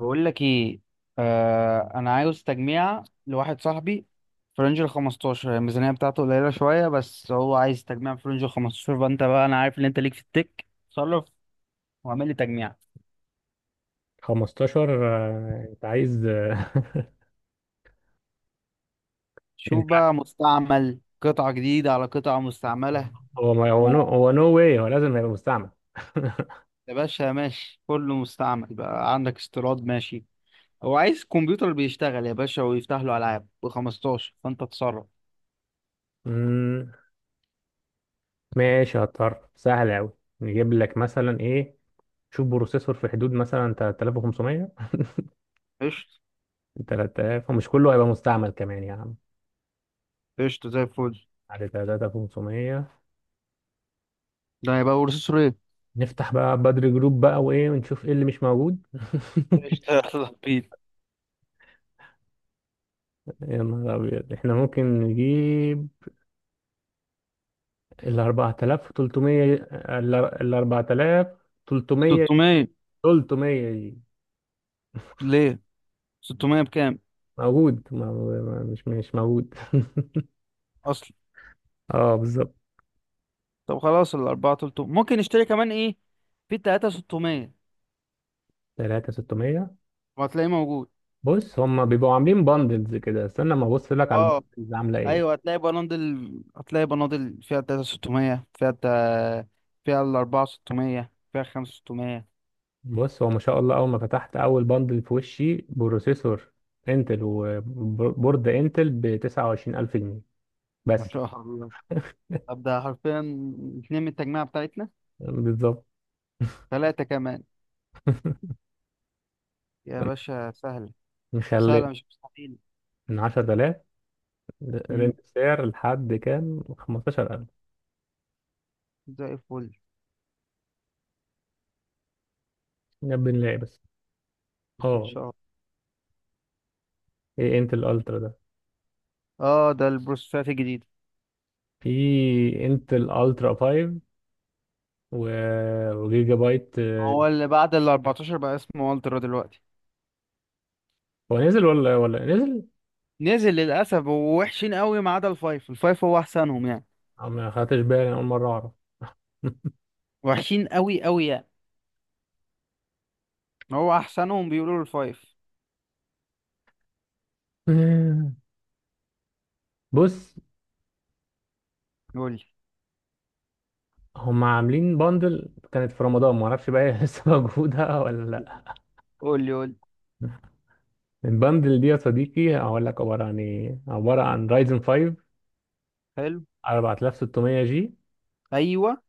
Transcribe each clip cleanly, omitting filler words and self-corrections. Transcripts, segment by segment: بقول لك ايه؟ آه، انا عاوز تجميع لواحد صاحبي في رينج ال 15. الميزانيه بتاعته قليله شويه، بس هو عايز تجميع في رينج ال 15. فانت بقى انا عارف ان انت ليك في التك، تصرف واعمل لي تجميع. 15. انت عايز، شوف انت عايز- بقى، مستعمل قطعه جديده على قطعه مستعمله. هو ما هو نو واي، هو لازم هيبقى مستعمل. يا باشا ماشي، كله مستعمل بقى، عندك استيراد ماشي. هو عايز كمبيوتر بيشتغل يا باشا ويفتح له العاب ب 15، فانت تصرف. مم، ماشي، هضطر. سهل قوي. نجيب لك مثلا ايه؟ شوف بروسيسور في حدود مثلا 3500، قشطه. 3000، ومش كله هيبقى مستعمل كمان يا عم، قشطه زي الفل. على 3500. ده هيبقى بروسيسور ايه؟ نفتح بقى بدر جروب بقى وايه، ونشوف ايه اللي مش موجود. قشطة. يلا بينا. يا نهار ابيض! احنا ممكن نجيب ال 4300، ال 4300، 600؟ 300 دي ليه؟ 600 بكام موجود، مش موجود. اصلا؟ اه بالظبط. طب خلاص، ال 4 300، ممكن نشتري كمان ايه؟ في 3 600 3600. وهتلاقيه موجود. بص هم بيبقوا عاملين باندلز كده، استنى ما ابص لك على اه. الباندلز عامله ايه. ايوه هتلاقي بناطيل، هتلاقي بناطيل فيها 3 600، فيها فيها ال 4 600، فيها 5 600. بص هو ما شاء الله، اول ما فتحت اول باندل في وشي بروسيسور انتل وبورد انتل ب 29000 جنيه ما بس. شاء الله. طب ده حرفيا اتنين من التجميعة بتاعتنا، بالظبط. ثلاثة كمان. يا باشا سهلة، نخلي سهلة مش مستحيل. من 10000، رينج مم. سعر لحد كام؟ 15000. زي الفل. نبي نلاقي بس. ان اه، شاء الله. ايه انتل الترا ده؟ اه ده البروسيسات الجديدة. في انتل الترا 5 وجيجا بايت، هو اللي بعد ال 14 بقى اسمه والترا دلوقتي. هو نزل ولا نزل؟ نزل للاسف، ووحشين قوي، ما عدا الفايف. الفايف هو احسنهم يعني. أو ما خدتش بالي، أول مرة أعرف. وحشين قوي قوي يعني. هو احسنهم بيقولوا له الفايف. بص قول لي هم عاملين باندل كانت في رمضان، ما اعرفش بقى هي لسه موجودة ولا لا. قول لي. قول لي. الباندل دي يا صديقي هقول لك عبارة عن ايه، عبارة عن رايزن 5 حلو. 4600 جي، ايوه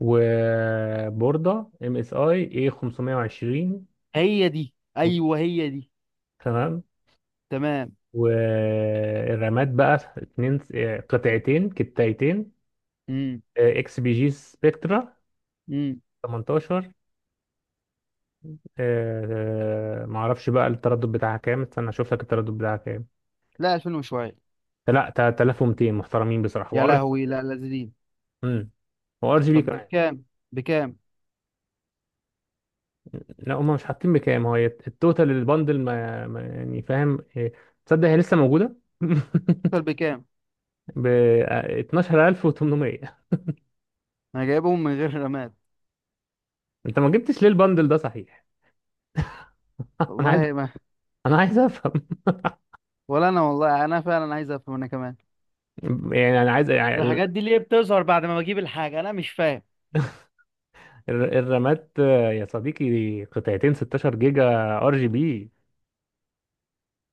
وبوردة ام اس اي اي 520. هي دي، ايوه هي دي. تمام. تمام. والرامات بقى اتنين، قطعتين كتايتين امم اكس بي جي سبكترا امم 18. معرفش بقى التردد بتاعها كام، استنى اشوف لك التردد بتاعها كام. لا 2000 وشويه. لا، 3200 محترمين بصراحه، يا وار لهوي، جي. لا لازلين. امم. وار جي بي طب ده كمان. بكام؟ بكام؟ لا هم مش حاطين بكام، هو التوتال البندل، يعني فاهم إيه، تصدق هي لسه موجوده. طب بكام؟ ب 12800. انا جايبهم من غير رماد. انت ما جبتش ليه البندل ده صحيح؟ انا عايز والله ما. انا عايز افهم. ولا انا والله، انا فعلا عايز افهم انا كمان. يعني انا عايز يعني الحاجات دي ليه بتظهر بعد ما بجيب الحاجه؟ انا مش فاهم. الرامات، يا صديقي قطعتين 16 جيجا، ار جي بي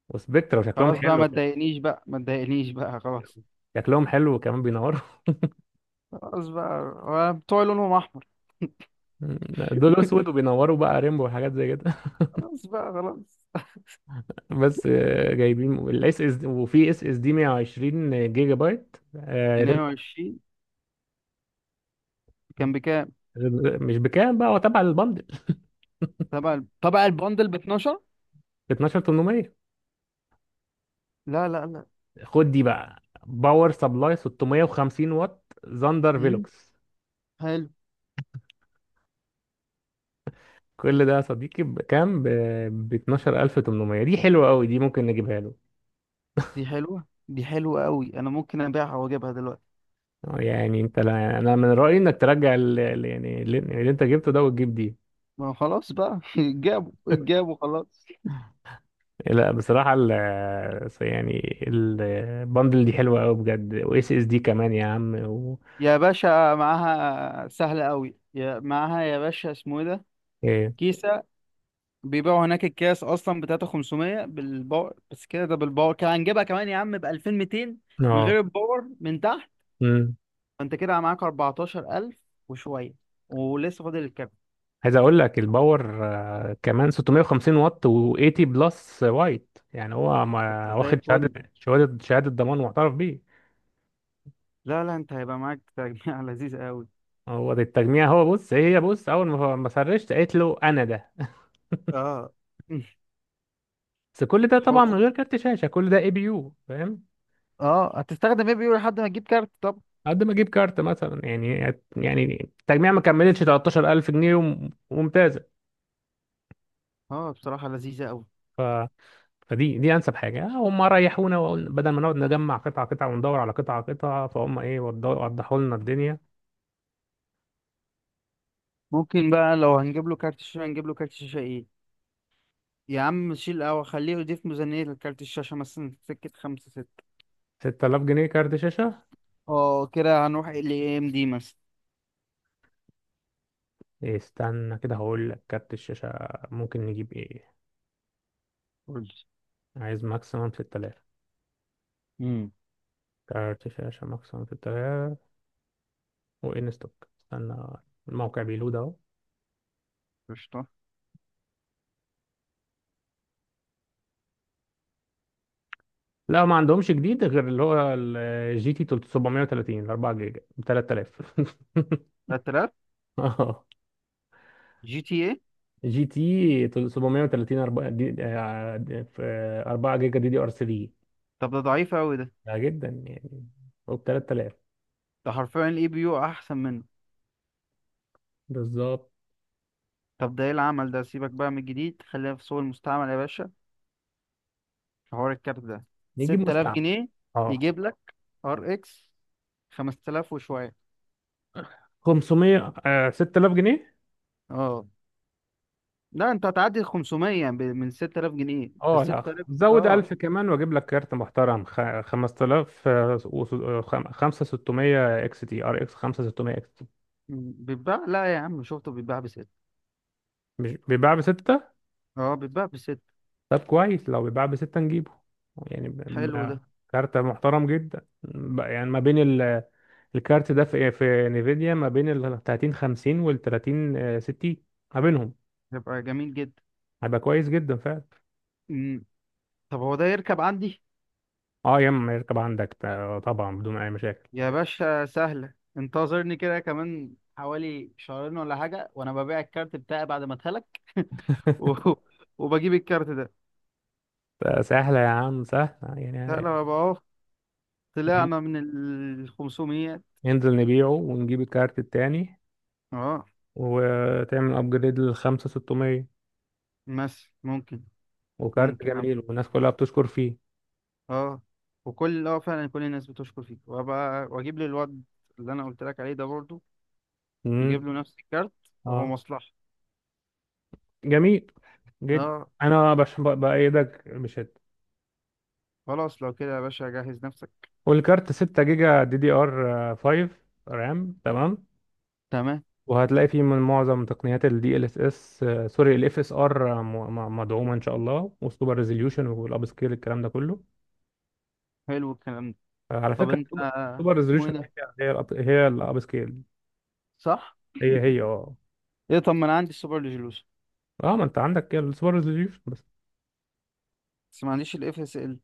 وسبكترا، وشكلهم خلاص بقى، حلو. ما تضايقنيش بقى، ما تضايقنيش بقى، خلاص. شكلهم حلو وكمان بينوروا. خلاص بقى. هو بتوع لونهم احمر؟ دول اسود وبينوروا بقى ريمبو وحاجات زي كده. خلاص بقى، خلاص. بس جايبين الاس اس، وفي اس اس دي 120 جيجا بايت. 22. كان بكام؟ مش بكام بقى، هو تبع البندل تبع البندل ب 12. ب 12800. لا لا لا. خد دي بقى، باور سبلاي 650 واط زاندر امم. فيلوكس. حلو. كل ده يا صديقي بكام؟ ب 12800. دي حلوه قوي، دي ممكن نجيبها له. دي حلوه. دي حلوه قوي، انا ممكن ابيعها واجيبها دلوقتي. يعني انت، لا انا من رايي انك ترجع يعني اللي انت جبته ده وتجيب دي. ما هو خلاص بقى جابوا جابوا، خلاص. لا بصراحة يعني البندل دي حلوة أوي بجد، و اس اس دي كمان يا عم، و يا باشا معاها سهله قوي، يا معاها يا باشا، اسمه ايه ده؟ إيه، كيسه. بيبيعوا هناك الكاس اصلا ب 3500 بالباور، بس كده، ده بالباور، كان هنجيبها كمان يا عم ب 2200 من اه. غير الباور، من تحت. مم. فانت كده معاك 14000 وشويه، ولسه فاضل الكابيتال. عايز أقول لك الباور، كمان 650 واط و 80 بلس وايت، يعني هو طب ما ده زي واخد شهادة، الفل. شهادة ضمان معترف بيه. لا لا، انت هيبقى معاك تجميع لذيذ قوي. هو ده التجميع، هو بص، هي بص أول ما سرشت قالت له أنا ده. اه. بس كل ده طبعا من حظ. غير كارت شاشة، كل ده اي بي يو فاهم. اه، هتستخدم ايه بيقول لحد ما تجيب كارت؟ طب. قد ما أجيب كارت مثلا، يعني التجميع ما كملتش 13000 جنيه، وممتاز. اه بصراحه لذيذه قوي. ف... فدي انسب حاجه، هم ريحونا، وقلنا بدل ما نقعد نجمع قطعه قطعه وندور على قطعه قطعه، فهم ايه؟ وضحوا لنا الدنيا. ممكن بقى لو هنجيب له كارت شاشه، هنجيب له كارت شاشه ايه؟ يا عم شيل او خليه يضيف ميزانيه لكارت الشاشه مثلا، سكه خمسة ستة. 6000 جنيه كارت شاشه. اه كده هنروح ال اي ام دي مثلا. إيه، استنى كده هقول لك كارت الشاشه ممكن نجيب ايه. قول لي. عايز ماكسيمم 6000 امم. كارت شاشه، ماكسيمم 6000. وان ستوك، استنى الموقع بيلود اهو. قشطه. لا ما عندهمش جديد غير اللي هو الجي تي 730 4 جيجا ب 3000. 3000. جي تي ايه؟ جي تي 730 4 دي، في 4 جيجا دي دي ار 3. طب ده ضعيف قوي ده. ده جدا يعني. وب 3000. ده حرفيا الاي بي يو احسن منه. بالظبط. طب ده ايه العمل ده؟ سيبك بقى من الجديد، خلينا في سوق المستعمل يا باشا. في حوار الكارت ده، نجيب 6000 مستعمل. جنيه اه. يجيب لك ار اكس 5000 وشويه. 500، 6000 جنيه. اه. لا انت هتعدي ال 500 من 6000 جنيه، ده اه لا 6000. زود اه. 1000 كمان واجيب لك كارت محترم، 5000، 5600 اكس تي، ار اكس 5600 اكس تي. بيتباع لا يا عم، شفته بيتباع بست. مش بيباع بستة. اه بيتباع بست. طب كويس، لو بيباع بستة نجيبه. يعني حلو ده. كارت محترم جدا، ب- يعني ما بين الكارت ده في إيه؟ في نيفيديا ما بين ال 30 50 وال 30 60. ما بينهم. يبقى جميل جدا. هيبقى كويس جدا فعلا. مم. طب هو ده يركب عندي؟ اه يا اما يركب عندك، طبعا بدون اي مشاكل. يا باشا سهله، انتظرني كده كمان حوالي شهرين ولا حاجه، وانا ببيع الكارت بتاعي بعد ما اتهلك. و... وبجيب الكارت ده. سهله يا عم، سهله لا يعني. لو بقى أهو، طلعنا من ال 500. ننزل نبيعه ونجيب الكارت التاني، اه وتعمل ابجريد لل 5600. مثلا ممكن. وكارت ممكن اعمل جميل كده. والناس كلها بتشكر فيه. اه. وكل، اه، فعلا كل الناس بتشكر فيك، وابقى واجيب لي الواد اللي انا قلت لك عليه ده برضو. امم. يجيب له نفس الكارت، وهو اه مصلحة. جميل جدا. اه. انا بايدك بشده. خلاص لو كده يا باشا جهز نفسك. والكارت 6 جيجا دي دي ار 5 رام. تمام. تمام. وهتلاقي فيه من معظم تقنيات ال DLSS، سوري ال FSR، مدعومة إن شاء الله، والسوبر ريزوليوشن والأب سكيل الكلام ده كله. حلو الكلام ده. على طب فكرة. انت، السوبر اسمه ايه ريزوليوشن، ده؟ هي الأب سكيل. صح. هي هي اه. ايه؟ طب ما انا عندي السوبر ريزولوشن. اه ما انت عندك السوبر ريزوليوشن بس. بس ما عنديش الاف اس ال.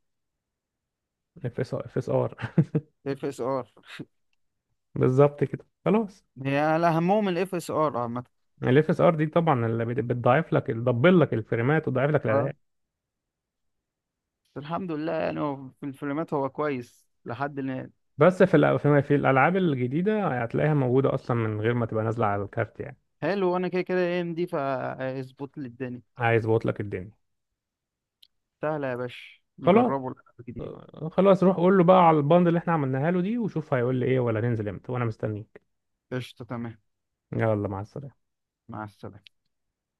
اف اس ار. اف اس ار. بالظبط كده خلاص. هي اهمهم الاف اس ار عامة. الاف اس ار دي طبعا اللي بتضعف لك، تدبل لك الفريمات وتضعف لك آه. الاداء. الحمد لله، يعني هو في الفيلمات هو كويس لحد الآن. بس في في الالعاب الجديده هتلاقيها موجوده اصلا من غير ما تبقى نازله على الكارت يعني. حلو، وأنا كده كده ايه دي، فاظبط لي الدنيا. عايز بوت لك الدنيا. سهلة يا باشا، خلاص. نجربه الجديد. خلاص روح قول له بقى على الباند اللي احنا عملناها له دي، وشوف هيقول لي ايه، ولا ننزل امتى، وانا مستنيك. قشطة. تمام. يلا مع السلامة. مع السلامة.